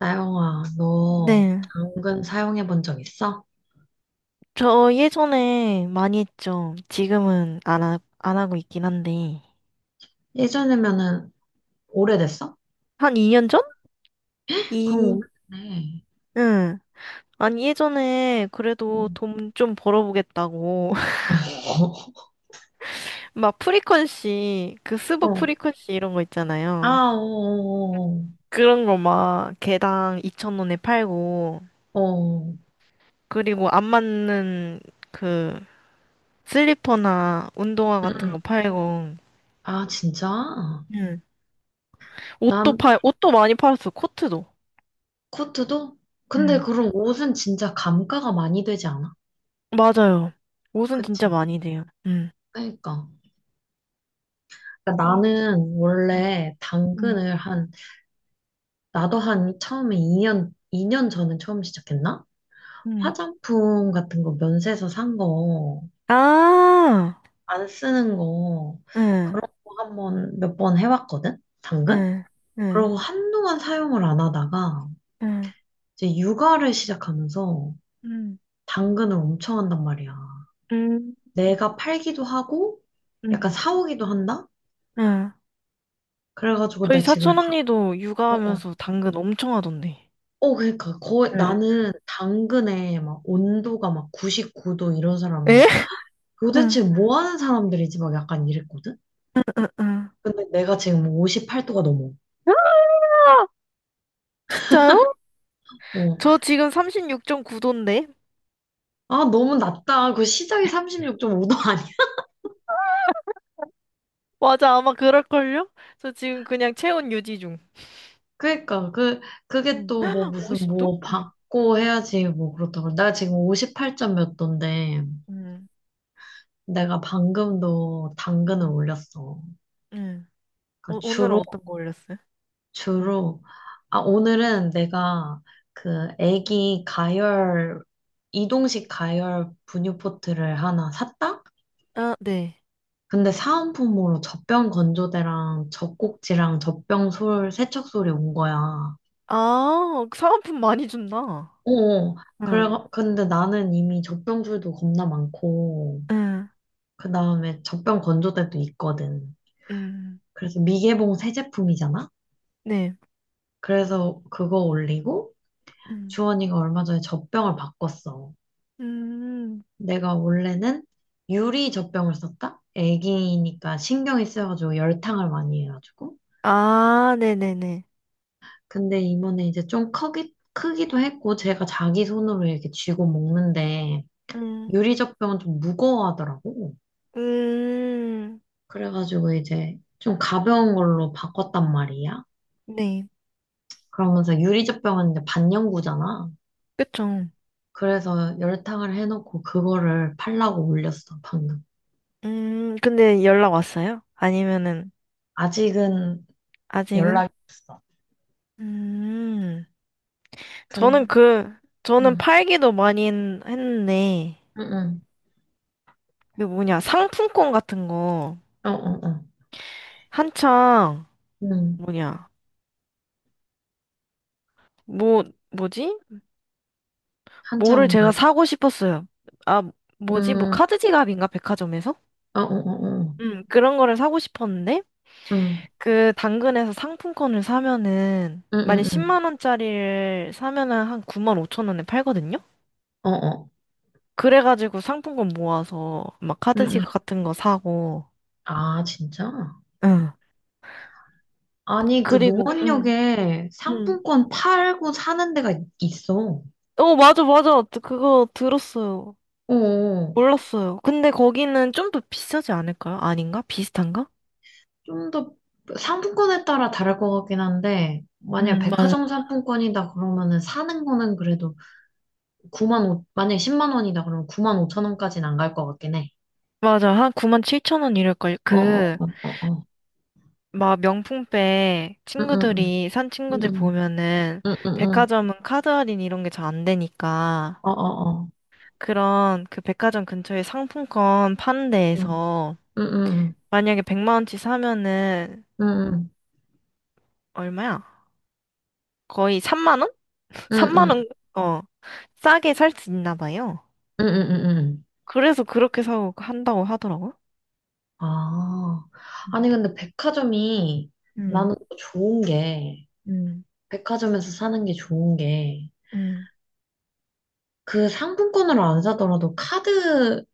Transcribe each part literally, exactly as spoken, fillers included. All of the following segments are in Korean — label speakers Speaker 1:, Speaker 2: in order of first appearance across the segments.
Speaker 1: 나영아, 너
Speaker 2: 네.
Speaker 1: 당근 사용해 본 적 있어?
Speaker 2: 저 예전에 많이 했죠. 지금은 안, 하, 안 하고 있긴 한데.
Speaker 1: 예전이면은 오래됐어?
Speaker 2: 한 이 년 전? 이,
Speaker 1: 그럼 오래됐네.
Speaker 2: 응. 아니, 예전에 그래도
Speaker 1: 응.
Speaker 2: 돈 좀 벌어보겠다고. 막 프리퀀시, 그 스벅
Speaker 1: 어.
Speaker 2: 프리퀀시 이런 거 있잖아요.
Speaker 1: 아, 어,
Speaker 2: 그런 거 막 개당 이천 원에 팔고,
Speaker 1: 어, 어. 어. 어,
Speaker 2: 그리고 안 맞는 그 슬리퍼나 운동화
Speaker 1: 응.
Speaker 2: 같은 거
Speaker 1: 응.
Speaker 2: 팔고,
Speaker 1: 아, 진짜?
Speaker 2: 응. 옷도
Speaker 1: 난
Speaker 2: 팔, 옷도 많이 팔았어. 코트도.
Speaker 1: 코트도? 근데 그럼 옷은 진짜 감가가 많이 되지 않아?
Speaker 2: 맞아요. 옷은
Speaker 1: 그치?
Speaker 2: 진짜 많이 돼요. 음.
Speaker 1: 그러니까. 그러니까
Speaker 2: 응
Speaker 1: 나는
Speaker 2: 응
Speaker 1: 원래
Speaker 2: 음.
Speaker 1: 당근을 한, 나도 한 처음에 2년, 이 년 전에 처음 시작했나?
Speaker 2: 음.
Speaker 1: 화장품 같은 거 면세에서 산 거.
Speaker 2: 음. 아.
Speaker 1: 안 쓰는 거
Speaker 2: 응.
Speaker 1: 그런 거 한 번 몇 번 해봤거든? 당근?
Speaker 2: 응. 응.
Speaker 1: 그러고 한동안 사용을 안 하다가
Speaker 2: 응. 응
Speaker 1: 이제 육아를 시작하면서
Speaker 2: 응
Speaker 1: 당근을 엄청 한단 말이야. 내가 팔기도 하고 약간
Speaker 2: 응.
Speaker 1: 사오기도 한다?
Speaker 2: 응.
Speaker 1: 그래가지고
Speaker 2: 저희
Speaker 1: 나 지금
Speaker 2: 사촌
Speaker 1: 다,
Speaker 2: 언니도
Speaker 1: 어, 어.
Speaker 2: 육아하면서 당근 엄청 하던데.
Speaker 1: 어, 그러니까 거의
Speaker 2: 응.
Speaker 1: 나는 당근에 막 온도가 막 구십구 도 이런 사람은
Speaker 2: 에? 응.
Speaker 1: 도대체 뭐 하는 사람들이지 막 약간 이랬거든?
Speaker 2: 응. 응.
Speaker 1: 근데 내가 지금 오십팔 도가 넘어.
Speaker 2: 아! 진짜요?
Speaker 1: 어.
Speaker 2: 저 지금 삼십육 점 구 도인데?
Speaker 1: 아, 너무 낮다. 그 시작이 삼십육 점 오 도. 아니야.
Speaker 2: 맞아, 아마 그럴걸요? 저 지금 그냥 체온 유지 중.
Speaker 1: 그러니까 그 그게
Speaker 2: 응.
Speaker 1: 또 뭐 무슨
Speaker 2: 오십 도?
Speaker 1: 뭐
Speaker 2: 응.
Speaker 1: 받고 해야지 뭐 그렇다고. 나 지금 오십팔 점 몇 도인데
Speaker 2: 응.
Speaker 1: 내가 방금도 당근을
Speaker 2: 응.
Speaker 1: 올렸어.
Speaker 2: 응.
Speaker 1: 그러니까
Speaker 2: 오, 오늘은
Speaker 1: 주로
Speaker 2: 어떤 거 올렸어요? 응.
Speaker 1: 주로 아, 오늘은 내가 그 애기 가열 이동식 가열 분유포트를 하나 샀다.
Speaker 2: 아, 네.
Speaker 1: 근데 사은품으로 젖병 건조대랑 젖꼭지랑 젖병 솔 세척솔이 온 거야.
Speaker 2: 아, 사은품 많이 준다.
Speaker 1: 어, 그래,
Speaker 2: 응.
Speaker 1: 근데 나는 이미 젖병줄도 겁나 많고,
Speaker 2: 응,
Speaker 1: 그 다음에 젖병 건조대도 있거든.
Speaker 2: 응.
Speaker 1: 그래서 미개봉 새 제품이잖아?
Speaker 2: 네.
Speaker 1: 그래서 그거 올리고,
Speaker 2: 음,
Speaker 1: 주원이가 얼마 전에 젖병을 바꿨어.
Speaker 2: 음.
Speaker 1: 내가 원래는 유리 젖병을 썼다? 애기니까 신경이 쓰여가지고 열탕을 많이 해가지고.
Speaker 2: 아, 네네네.
Speaker 1: 근데 이번에 이제 좀 크기, 크기도 했고, 제가 자기 손으로 이렇게 쥐고 먹는데,
Speaker 2: 음,
Speaker 1: 유리 젖병은 좀 무거워하더라고.
Speaker 2: 음,
Speaker 1: 그래가지고 이제 좀 가벼운 걸로 바꿨단 말이야.
Speaker 2: 네.
Speaker 1: 그러면서 유리젖병은 이제 반영구잖아.
Speaker 2: 그쵸.
Speaker 1: 그래서 열탕을 해놓고 그거를 팔라고 올렸어, 방금.
Speaker 2: 음, 근데 연락 왔어요? 아니면은,
Speaker 1: 아직은
Speaker 2: 아직은?
Speaker 1: 연락이 없어.
Speaker 2: 음, 저는
Speaker 1: 근,
Speaker 2: 그, 저는
Speaker 1: 응,
Speaker 2: 팔기도 많이 했, 했는데,
Speaker 1: 응,
Speaker 2: 그 뭐냐, 상품권 같은 거,
Speaker 1: 응, 어, 어, 어,
Speaker 2: 한창,
Speaker 1: 응,
Speaker 2: 뭐냐, 뭐, 뭐지? 뭐를
Speaker 1: 한참,
Speaker 2: 제가 사고 싶었어요. 아, 뭐지? 뭐
Speaker 1: 응,
Speaker 2: 카드 지갑인가? 백화점에서?
Speaker 1: 어, 어, 어, 어,
Speaker 2: 음, 그런 거를 사고 싶었는데
Speaker 1: 응,
Speaker 2: 그 당근에서 상품권을 사면은
Speaker 1: 응,
Speaker 2: 만약
Speaker 1: 응, 응,
Speaker 2: 십만 원짜리를 사면은 한 구만 오천 원에 팔거든요.
Speaker 1: 어, 어,
Speaker 2: 그래가지고 상품권 모아서 막
Speaker 1: 응,
Speaker 2: 카드
Speaker 1: 응.
Speaker 2: 지갑 같은 거 사고.
Speaker 1: 아, 진짜?
Speaker 2: 응.
Speaker 1: 아니, 그
Speaker 2: 그리고 응.
Speaker 1: 노원역에
Speaker 2: 응.
Speaker 1: 상품권 팔고 사는 데가 있- 있어.
Speaker 2: 어, 맞아, 맞아. 그거 들었어요.
Speaker 1: 어.
Speaker 2: 몰랐어요. 근데 거기는 좀 더 비싸지 않을까요? 아닌가? 비슷한가?
Speaker 1: 좀 더 상품권에 따라 다를 것 같긴 한데, 만약
Speaker 2: 음, 맞아.
Speaker 1: 백화점 상품권이다 그러면은 사는 거는 그래도 구만 오 만약에 십만 원이다 그러면 구만 오천 원까지는 안 갈 것 같긴 해.
Speaker 2: 맞아. 한 구만 칠천 원 이럴걸.
Speaker 1: 어, 어,
Speaker 2: 그,
Speaker 1: 어, 어, 어.
Speaker 2: 막 명품백
Speaker 1: 응, 응,
Speaker 2: 친구들이 산
Speaker 1: 응,
Speaker 2: 친구들
Speaker 1: 응,
Speaker 2: 보면은
Speaker 1: 응, 응, 응, 응.
Speaker 2: 백화점은 카드 할인 이런 게 잘 안 되니까
Speaker 1: 어, 어, 어.
Speaker 2: 그런 그 백화점 근처에 상품권 파는
Speaker 1: 응,
Speaker 2: 데에서
Speaker 1: 응, 응,
Speaker 2: 만약에 백만 원치 사면은
Speaker 1: 응, 응,
Speaker 2: 얼마야? 거의 삼만 원?
Speaker 1: 응,
Speaker 2: 삼만
Speaker 1: 응,
Speaker 2: 원, 어, 싸게 살 수 있나 봐요.
Speaker 1: 응, 응, 응.
Speaker 2: 그래서 그렇게 사고 한다고 하더라고.
Speaker 1: 아. 아니,
Speaker 2: 음,
Speaker 1: 근데 백화점이 나는
Speaker 2: 음,
Speaker 1: 또 좋은 게,
Speaker 2: 음.
Speaker 1: 백화점에서 사는 게 좋은 게,
Speaker 2: 음.
Speaker 1: 그 상품권으로 안 사더라도 카드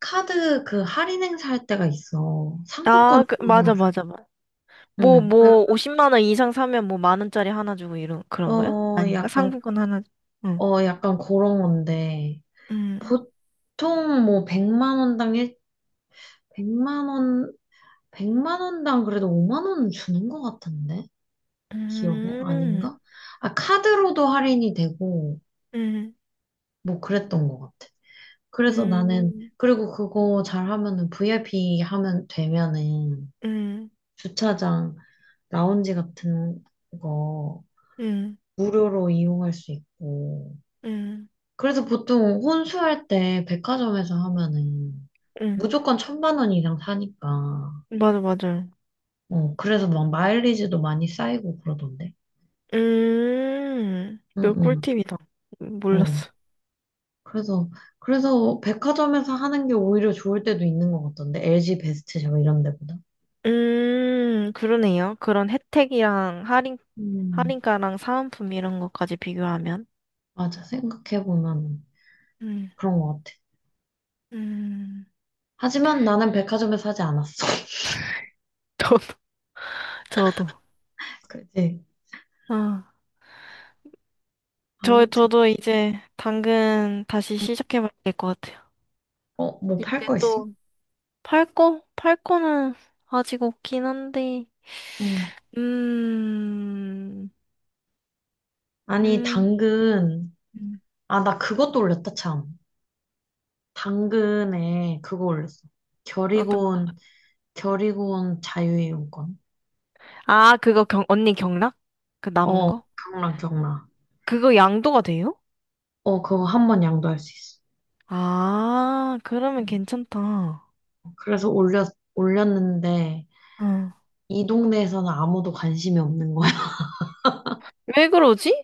Speaker 1: 카드 그 할인 행사할 때가 있어. 상품권
Speaker 2: 아, 그,
Speaker 1: 할인
Speaker 2: 맞아,
Speaker 1: 행사.
Speaker 2: 맞아, 뭐,
Speaker 1: 응. 그,
Speaker 2: 뭐, 오십만 원 이상 사면 뭐 만 원짜리 하나 주고 이런, 그런 거야?
Speaker 1: 어,
Speaker 2: 아닌가?
Speaker 1: 약간,
Speaker 2: 상품권 하나, 주- 응.
Speaker 1: 어, 약간 그런 건데.
Speaker 2: 음,
Speaker 1: 보통 뭐 100만 원당 일 100만 원, 백만 원당 그래도 오만 원은 주는 것 같은데? 기억에?
Speaker 2: 음,
Speaker 1: 아닌가? 아, 카드로도 할인이 되고,
Speaker 2: 음,
Speaker 1: 뭐 그랬던 것 같아. 그래서 나는,
Speaker 2: 음,
Speaker 1: 그리고 그거 잘 하면은 브이아이피 하면 되면은
Speaker 2: 음,
Speaker 1: 주차장 라운지 같은 거
Speaker 2: 음,
Speaker 1: 무료로 이용할 수 있고.
Speaker 2: 음,
Speaker 1: 그래서 보통 혼수할 때 백화점에서 하면은
Speaker 2: 음.
Speaker 1: 무조건 천만 원 이상 사니까.
Speaker 2: 맞아, 맞아.
Speaker 1: 어, 그래서 막 마일리지도 많이 쌓이고 그러던데.
Speaker 2: 음, 그
Speaker 1: 응,
Speaker 2: 꿀팁이다.
Speaker 1: 응, 어.
Speaker 2: 몰랐어.
Speaker 1: 그래서, 그래서 백화점에서 하는 게 오히려 좋을 때도 있는 것 같던데. 엘지 베스트샵 이런 데보다.
Speaker 2: 음, 그러네요. 그런 혜택이랑 할인,
Speaker 1: 음,
Speaker 2: 할인가랑 사은품 이런 것까지 비교하면.
Speaker 1: 맞아. 생각해보면
Speaker 2: 음,
Speaker 1: 그런 것 같아.
Speaker 2: 음,
Speaker 1: 하지만 나는 백화점에서 하지 않았어.
Speaker 2: 저도, 저도.
Speaker 1: 그지?
Speaker 2: 아. 저,
Speaker 1: 아무튼,
Speaker 2: 저도 이제 당근 다시 시작해봐야 될 것 같아요.
Speaker 1: 어, 뭐 팔
Speaker 2: 이제
Speaker 1: 거 있어?
Speaker 2: 또 팔고? 팔고는 아직 없긴 한데,
Speaker 1: 응.
Speaker 2: 음,
Speaker 1: 아니,
Speaker 2: 음,
Speaker 1: 당근.
Speaker 2: 음.
Speaker 1: 아, 나 그것도 올렸다, 참. 당근에 그거 올렸어.
Speaker 2: 어떤 거?
Speaker 1: 결의곤, 결의곤 자유이용권.
Speaker 2: 아, 그거 경, 언니 경락? 그 남은
Speaker 1: 어,
Speaker 2: 거?
Speaker 1: 경락, 경락.
Speaker 2: 그거 양도가 돼요?
Speaker 1: 어, 그거 한 번 양도할 수 있어.
Speaker 2: 아, 그러면
Speaker 1: 음.
Speaker 2: 괜찮다.
Speaker 1: 그래서 올렸, 올렸는데,
Speaker 2: 응.
Speaker 1: 이 동네에서는 아무도 관심이 없는 거야.
Speaker 2: 왜 그러지?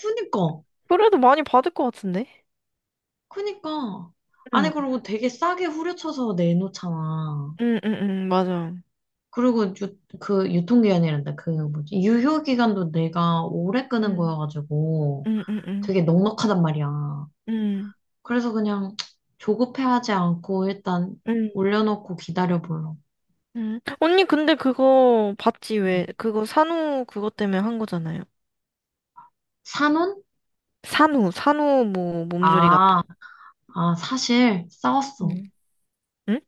Speaker 1: 그니까,
Speaker 2: 그래도 많이 받을 것 같은데?
Speaker 1: 그니까. 아니,
Speaker 2: 응,
Speaker 1: 그리고 되게 싸게 후려쳐서 내놓잖아.
Speaker 2: 응, 응, 응, 맞아.
Speaker 1: 그리고 유, 그 유통기한이란다. 그 뭐지? 유효기간도 내가 오래 끄는
Speaker 2: 응,
Speaker 1: 거여가지고
Speaker 2: 응, 응, 응,
Speaker 1: 되게 넉넉하단 말이야.
Speaker 2: 응,
Speaker 1: 그래서 그냥 조급해하지 않고 일단
Speaker 2: 응.
Speaker 1: 올려놓고 기다려봐요.
Speaker 2: 음. 언니, 근데 그거 봤지, 왜?
Speaker 1: 음.
Speaker 2: 그거 산후 그거 때문에 한 거잖아요.
Speaker 1: 산혼?
Speaker 2: 산후, 산후 뭐 몸조리 같은.
Speaker 1: 아, 아, 사실 싸웠어.
Speaker 2: 응? 응?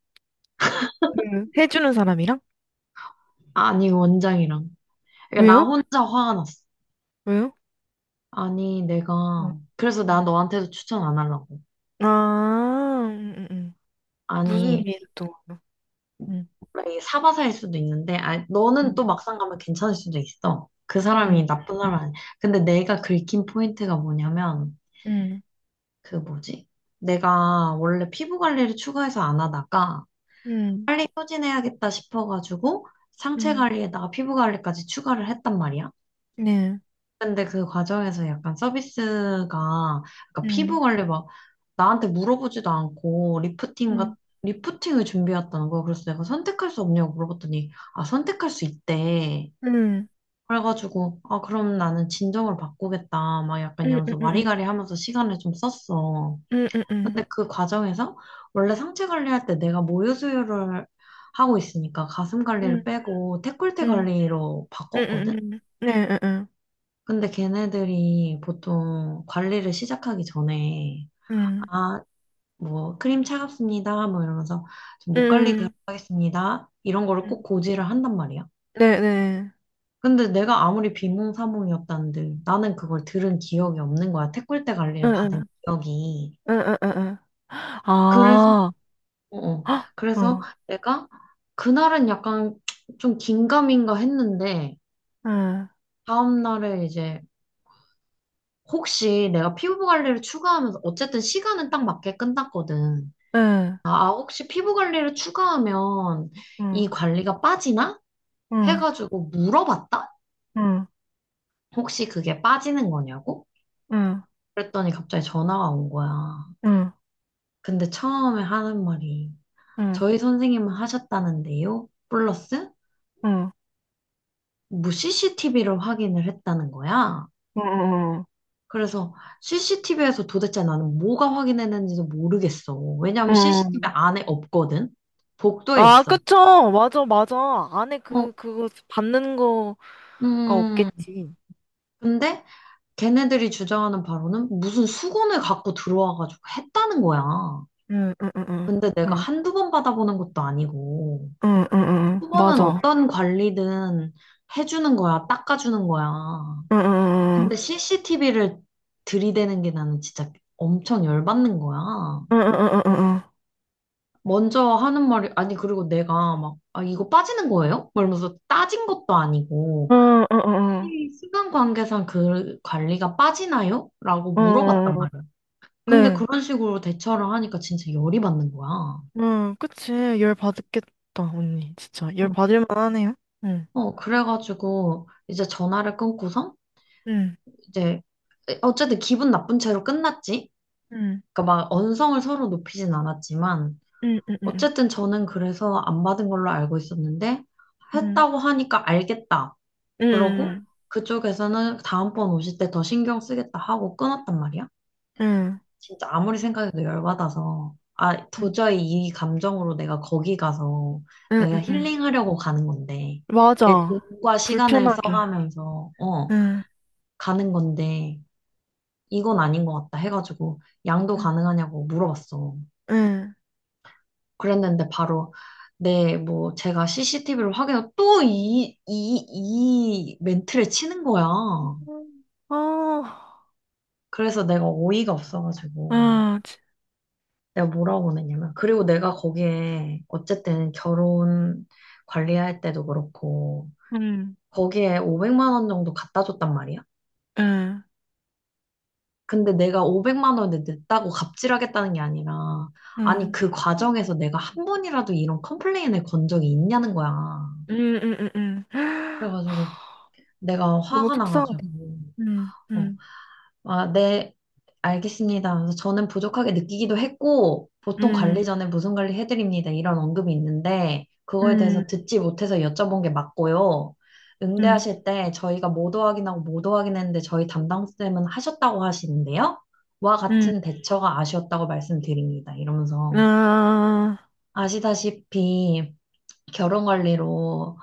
Speaker 2: 그 해주는 사람이랑?
Speaker 1: 아니, 원장이랑. 그러니까 나
Speaker 2: 왜요?
Speaker 1: 혼자 화가 났어.
Speaker 2: 왜요?
Speaker 1: 아니,
Speaker 2: 음.
Speaker 1: 내가. 그래서 나 너한테도 추천 안 하려고.
Speaker 2: 아, 음, 음, 음. 무슨
Speaker 1: 아니,
Speaker 2: 일이 있었던 거예요? 응
Speaker 1: 원래 이게 사바사일 수도 있는데, 아니,
Speaker 2: 응
Speaker 1: 너는 또 막상 가면 괜찮을 수도 있어. 그 사람이
Speaker 2: 응
Speaker 1: 나쁜 사람 아니야. 근데 내가 긁힌 포인트가 뭐냐면, 그 뭐지? 내가 원래 피부 관리를 추가해서 안 하다가,
Speaker 2: 응 응.
Speaker 1: 빨리 소진해야겠다 싶어가지고 상체 관리에다가 피부 관리까지 추가를 했단 말이야.
Speaker 2: 네,
Speaker 1: 근데 그 과정에서 약간 서비스가 약간 피부
Speaker 2: 응.
Speaker 1: 관리 막 나한테 물어보지도 않고 리프팅
Speaker 2: 응응응
Speaker 1: 같 리프팅을 준비했다는 거야. 그래서 내가 선택할 수 없냐고 물어봤더니, 아, 선택할 수 있대. 그래가지고, 아, 그럼 나는 진정을 바꾸겠다 막 약간 이러면서
Speaker 2: 응응응
Speaker 1: 와리가리 하면서 시간을 좀 썼어.
Speaker 2: 응응 응
Speaker 1: 근데 그 과정에서 원래 상체 관리할 때 내가 모유 수유를 하고 있으니까 가슴 관리를 빼고 데콜테 관리로
Speaker 2: 응
Speaker 1: 바꿨거든?
Speaker 2: 응 응 응
Speaker 1: 근데 걔네들이 보통 관리를 시작하기 전에 아, 뭐 크림 차갑습니다. 뭐 이러면서
Speaker 2: 응, 응,
Speaker 1: 좀목 관리
Speaker 2: 응, 응,
Speaker 1: 들어가겠습니다. 이런
Speaker 2: 응,
Speaker 1: 거를
Speaker 2: 응,
Speaker 1: 꼭
Speaker 2: 응.
Speaker 1: 고지를 한단 말이야.
Speaker 2: 네, 응
Speaker 1: 근데 내가 아무리 비몽사몽이었다는데 나는 그걸 들은 기억이 없는 거야. 데콜테
Speaker 2: 응
Speaker 1: 관리를
Speaker 2: 응 응, 응, 네, 네,
Speaker 1: 받은
Speaker 2: 응응
Speaker 1: 기억이.
Speaker 2: 응응응응.
Speaker 1: 그래서
Speaker 2: 아,
Speaker 1: 어, 어.
Speaker 2: 헉,
Speaker 1: 그래서
Speaker 2: 응,
Speaker 1: 내가 그날은 약간 좀 긴가민가 했는데
Speaker 2: 응,
Speaker 1: 다음날에 이제 혹시 내가 피부 관리를 추가하면서 어쨌든 시간은 딱 맞게 끝났거든.
Speaker 2: 응, 아,
Speaker 1: 아, 아, 혹시 피부 관리를 추가하면 이
Speaker 2: 응,
Speaker 1: 관리가 빠지나?
Speaker 2: 응,
Speaker 1: 해가지고 물어봤다?
Speaker 2: 응,
Speaker 1: 혹시 그게 빠지는 거냐고?
Speaker 2: 응, 응,
Speaker 1: 그랬더니 갑자기 전화가 온 거야.
Speaker 2: 응,
Speaker 1: 근데 처음에 하는 말이
Speaker 2: 응,
Speaker 1: 저희 선생님은 하셨다는데요? 플러스
Speaker 2: 응,
Speaker 1: 뭐 씨씨티비를 확인을 했다는 거야.
Speaker 2: 응.
Speaker 1: 그래서 씨씨티비에서 도대체 나는 뭐가 확인했는지도 모르겠어. 왜냐하면 씨씨티비
Speaker 2: 응.
Speaker 1: 안에 없거든. 복도에
Speaker 2: 아,
Speaker 1: 있어.
Speaker 2: 그쵸. 맞아, 맞아. 안에
Speaker 1: 어,
Speaker 2: 그, 그거 받는 거가
Speaker 1: 음.
Speaker 2: 없겠지.
Speaker 1: 근데 걔네들이 주장하는 바로는 무슨 수건을 갖고 들어와가지고 했다는 거야.
Speaker 2: 응, 응, 응, 응,
Speaker 1: 근데 내가
Speaker 2: 응,
Speaker 1: 한두 번 받아보는 것도 아니고.
Speaker 2: 응, 응, 응,
Speaker 1: 수건은
Speaker 2: 맞아.
Speaker 1: 어떤 관리든 해주는 거야, 닦아주는 거야.
Speaker 2: 응, 응, 응,
Speaker 1: 근데 씨씨티비를 들이대는 게 나는 진짜 엄청 열받는 거야.
Speaker 2: 응, 응, 응, 응,
Speaker 1: 먼저 하는 말이, 아니, 그리고 내가 막, 아, 이거 빠지는 거예요? 막 이러면서 따진 것도 아니고,
Speaker 2: 응, 응, 응.
Speaker 1: 혹시 시간 관계상 그 관리가 빠지나요? 라고
Speaker 2: 응
Speaker 1: 물어봤단
Speaker 2: 응
Speaker 1: 말이야. 근데
Speaker 2: 네.
Speaker 1: 그런 식으로 대처를 하니까 진짜 열이 받는 거야.
Speaker 2: 응, 그치. 열 받겠다, 언니. 진짜. 열
Speaker 1: 응.
Speaker 2: 받을 만하네요.
Speaker 1: 어, 그래가지고, 이제 전화를 끊고서,
Speaker 2: 응,
Speaker 1: 이제, 어쨌든 기분 나쁜 채로 끝났지?
Speaker 2: 응,
Speaker 1: 그러니까 막 언성을 서로 높이진 않았지만,
Speaker 2: 응, 응, 응,
Speaker 1: 어쨌든 저는 그래서 안 받은 걸로 알고 있었는데,
Speaker 2: 응,
Speaker 1: 했다고 하니까 알겠다. 그러고 응,
Speaker 2: 응,
Speaker 1: 그쪽에서는 다음번 오실 때 더 신경 쓰겠다 하고 끊었단 말이야.
Speaker 2: 응,
Speaker 1: 진짜 아무리 생각해도 열받아서 아
Speaker 2: 응,
Speaker 1: 도저히 이 감정으로 내가 거기 가서
Speaker 2: 응,
Speaker 1: 내가 응,
Speaker 2: 응, 응.
Speaker 1: 힐링하려고 가는 건데 내
Speaker 2: 맞아.
Speaker 1: 돈과 시간을
Speaker 2: 불편하게.
Speaker 1: 써가면서 어
Speaker 2: 응,
Speaker 1: 가는 건데 이건 아닌 것 같다 해가지고 양도
Speaker 2: 응,
Speaker 1: 가능하냐고 물어봤어.
Speaker 2: 응.
Speaker 1: 그랬는데 바로 네, 뭐, 제가 씨씨티비를 확인하고 또 이, 이, 이 멘트를 치는 거야.
Speaker 2: 음. 아,
Speaker 1: 그래서 내가 어이가 없어가지고
Speaker 2: 아, 지-
Speaker 1: 내가 뭐라고 보냈냐면, 그리고 내가 거기에 어쨌든 결혼 관리할 때도 그렇고
Speaker 2: 응,
Speaker 1: 거기에 500만 원 정도 갖다 줬단 말이야.
Speaker 2: 응,
Speaker 1: 근데 내가 오백만 원을 냈다고 갑질하겠다는 게 아니라 아니
Speaker 2: 응,
Speaker 1: 그 과정에서 내가 한 번이라도 이런 컴플레인을 건 적이 있냐는 거야.
Speaker 2: 응, 응, 응. 응.
Speaker 1: 그래가지고 내가
Speaker 2: 너무
Speaker 1: 화가 나가지고
Speaker 2: 속상하다. 응,
Speaker 1: 어,
Speaker 2: 응,
Speaker 1: 아, 네, 알겠습니다. 그래서 저는 부족하게 느끼기도 했고, 보통 관리
Speaker 2: 응,
Speaker 1: 전에 무슨 관리 해드립니다. 이런 언급이 있는데, 그거에
Speaker 2: 응,
Speaker 1: 대해서 듣지 못해서 여쭤본 게 맞고요.
Speaker 2: 응,
Speaker 1: 응대하실 때 저희가 모두 확인하고 모두 확인했는데 저희 담당쌤은 하셨다고 하시는데요. 와
Speaker 2: 응.
Speaker 1: 같은 대처가 아쉬웠다고 말씀드립니다. 이러면서
Speaker 2: 아,
Speaker 1: 아시다시피 결혼 관리로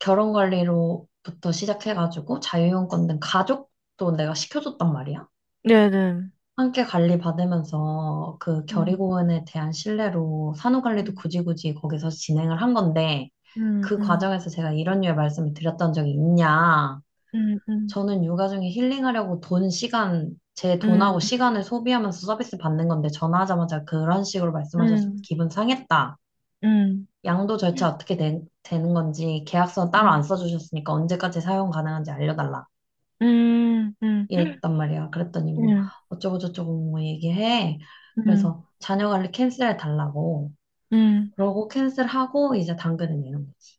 Speaker 1: 결혼 관리로부터 시작해가지고 자유형 건등 가족도 내가 시켜줬단 말이야.
Speaker 2: 네네.
Speaker 1: 함께 관리 받으면서 그
Speaker 2: 응,
Speaker 1: 결의공원에 대한 신뢰로 산후관리도
Speaker 2: 응,
Speaker 1: 굳이 굳이 거기서 진행을 한 건데
Speaker 2: 응,
Speaker 1: 그
Speaker 2: 응,
Speaker 1: 과정에서 제가 이런 류의 말씀을 드렸던 적이 있냐.
Speaker 2: 응, 응,
Speaker 1: 저는 육아 중에 힐링하려고 돈, 시간, 제 돈하고 시간을 소비하면서 서비스 받는 건데 전화하자마자 그런 식으로 말씀하셔서
Speaker 2: 응,
Speaker 1: 기분 상했다.
Speaker 2: 응.
Speaker 1: 양도 절차 어떻게 되, 되는 건지 계약서 따로 안
Speaker 2: 응.
Speaker 1: 써주셨으니까 언제까지 사용 가능한지 알려달라.
Speaker 2: 음, 음,
Speaker 1: 이랬단 말이야. 그랬더니 뭐
Speaker 2: 음,
Speaker 1: 어쩌고저쩌고 뭐 얘기해.
Speaker 2: 음,
Speaker 1: 그래서 자녀 관리 캔슬해 달라고.
Speaker 2: 음.
Speaker 1: 그러고 캔슬하고 이제 당근을 내는 거지.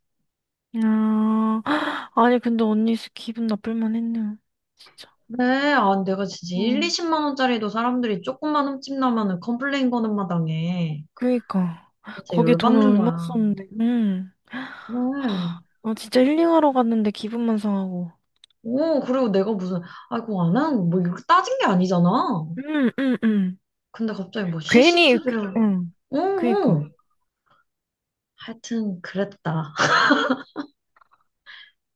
Speaker 2: 아, 아니, 근데 언니 수 기분 나쁠 만 했네요. 진짜.
Speaker 1: 그래, 아, 내가 진짜 일,
Speaker 2: 어,
Speaker 1: 이십만 원짜리도 사람들이 조금만 흠집 나면은 컴플레인 거는 마당에
Speaker 2: 그니까.
Speaker 1: 진짜
Speaker 2: 거기에 돈을
Speaker 1: 열받는
Speaker 2: 얼마
Speaker 1: 거야.
Speaker 2: 썼는데, 음.
Speaker 1: 그래.
Speaker 2: 하, 아, 진짜 힐링하러 갔는데 기분만 상하고.
Speaker 1: 오, 그리고 내가 무슨, 아이고, 안 하는 거, 뭐 이렇게 따진 게 아니잖아.
Speaker 2: 음, 음, 음.
Speaker 1: 근데 갑자기 뭐
Speaker 2: 괜히, 그-
Speaker 1: 씨씨티비를,
Speaker 2: 음.
Speaker 1: 오,
Speaker 2: 그니까.
Speaker 1: 오. 하여튼 그랬다.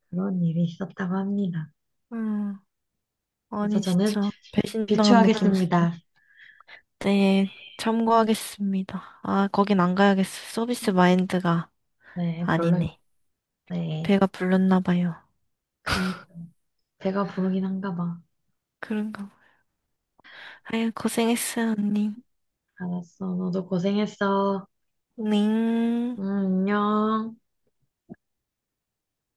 Speaker 1: 그런 일이 있었다고 합니다.
Speaker 2: 음,
Speaker 1: 그래서
Speaker 2: 아니,
Speaker 1: 저는
Speaker 2: 진짜. 배신당한 느낌. 있어요.
Speaker 1: 비추하겠습니다.
Speaker 2: 네, 참고하겠습니다. 아, 거긴 안 가야겠어. 서비스 마인드가
Speaker 1: 네, 별로입니다.
Speaker 2: 아니네.
Speaker 1: 네.
Speaker 2: 배가 불렀나 봐요.
Speaker 1: 그러니까 배가 부르긴 한가 봐.
Speaker 2: 그런가 봐. 아유, 고생했어, 언니.
Speaker 1: 알았어. 너도 고생했어.
Speaker 2: 네.
Speaker 1: 응, 안녕.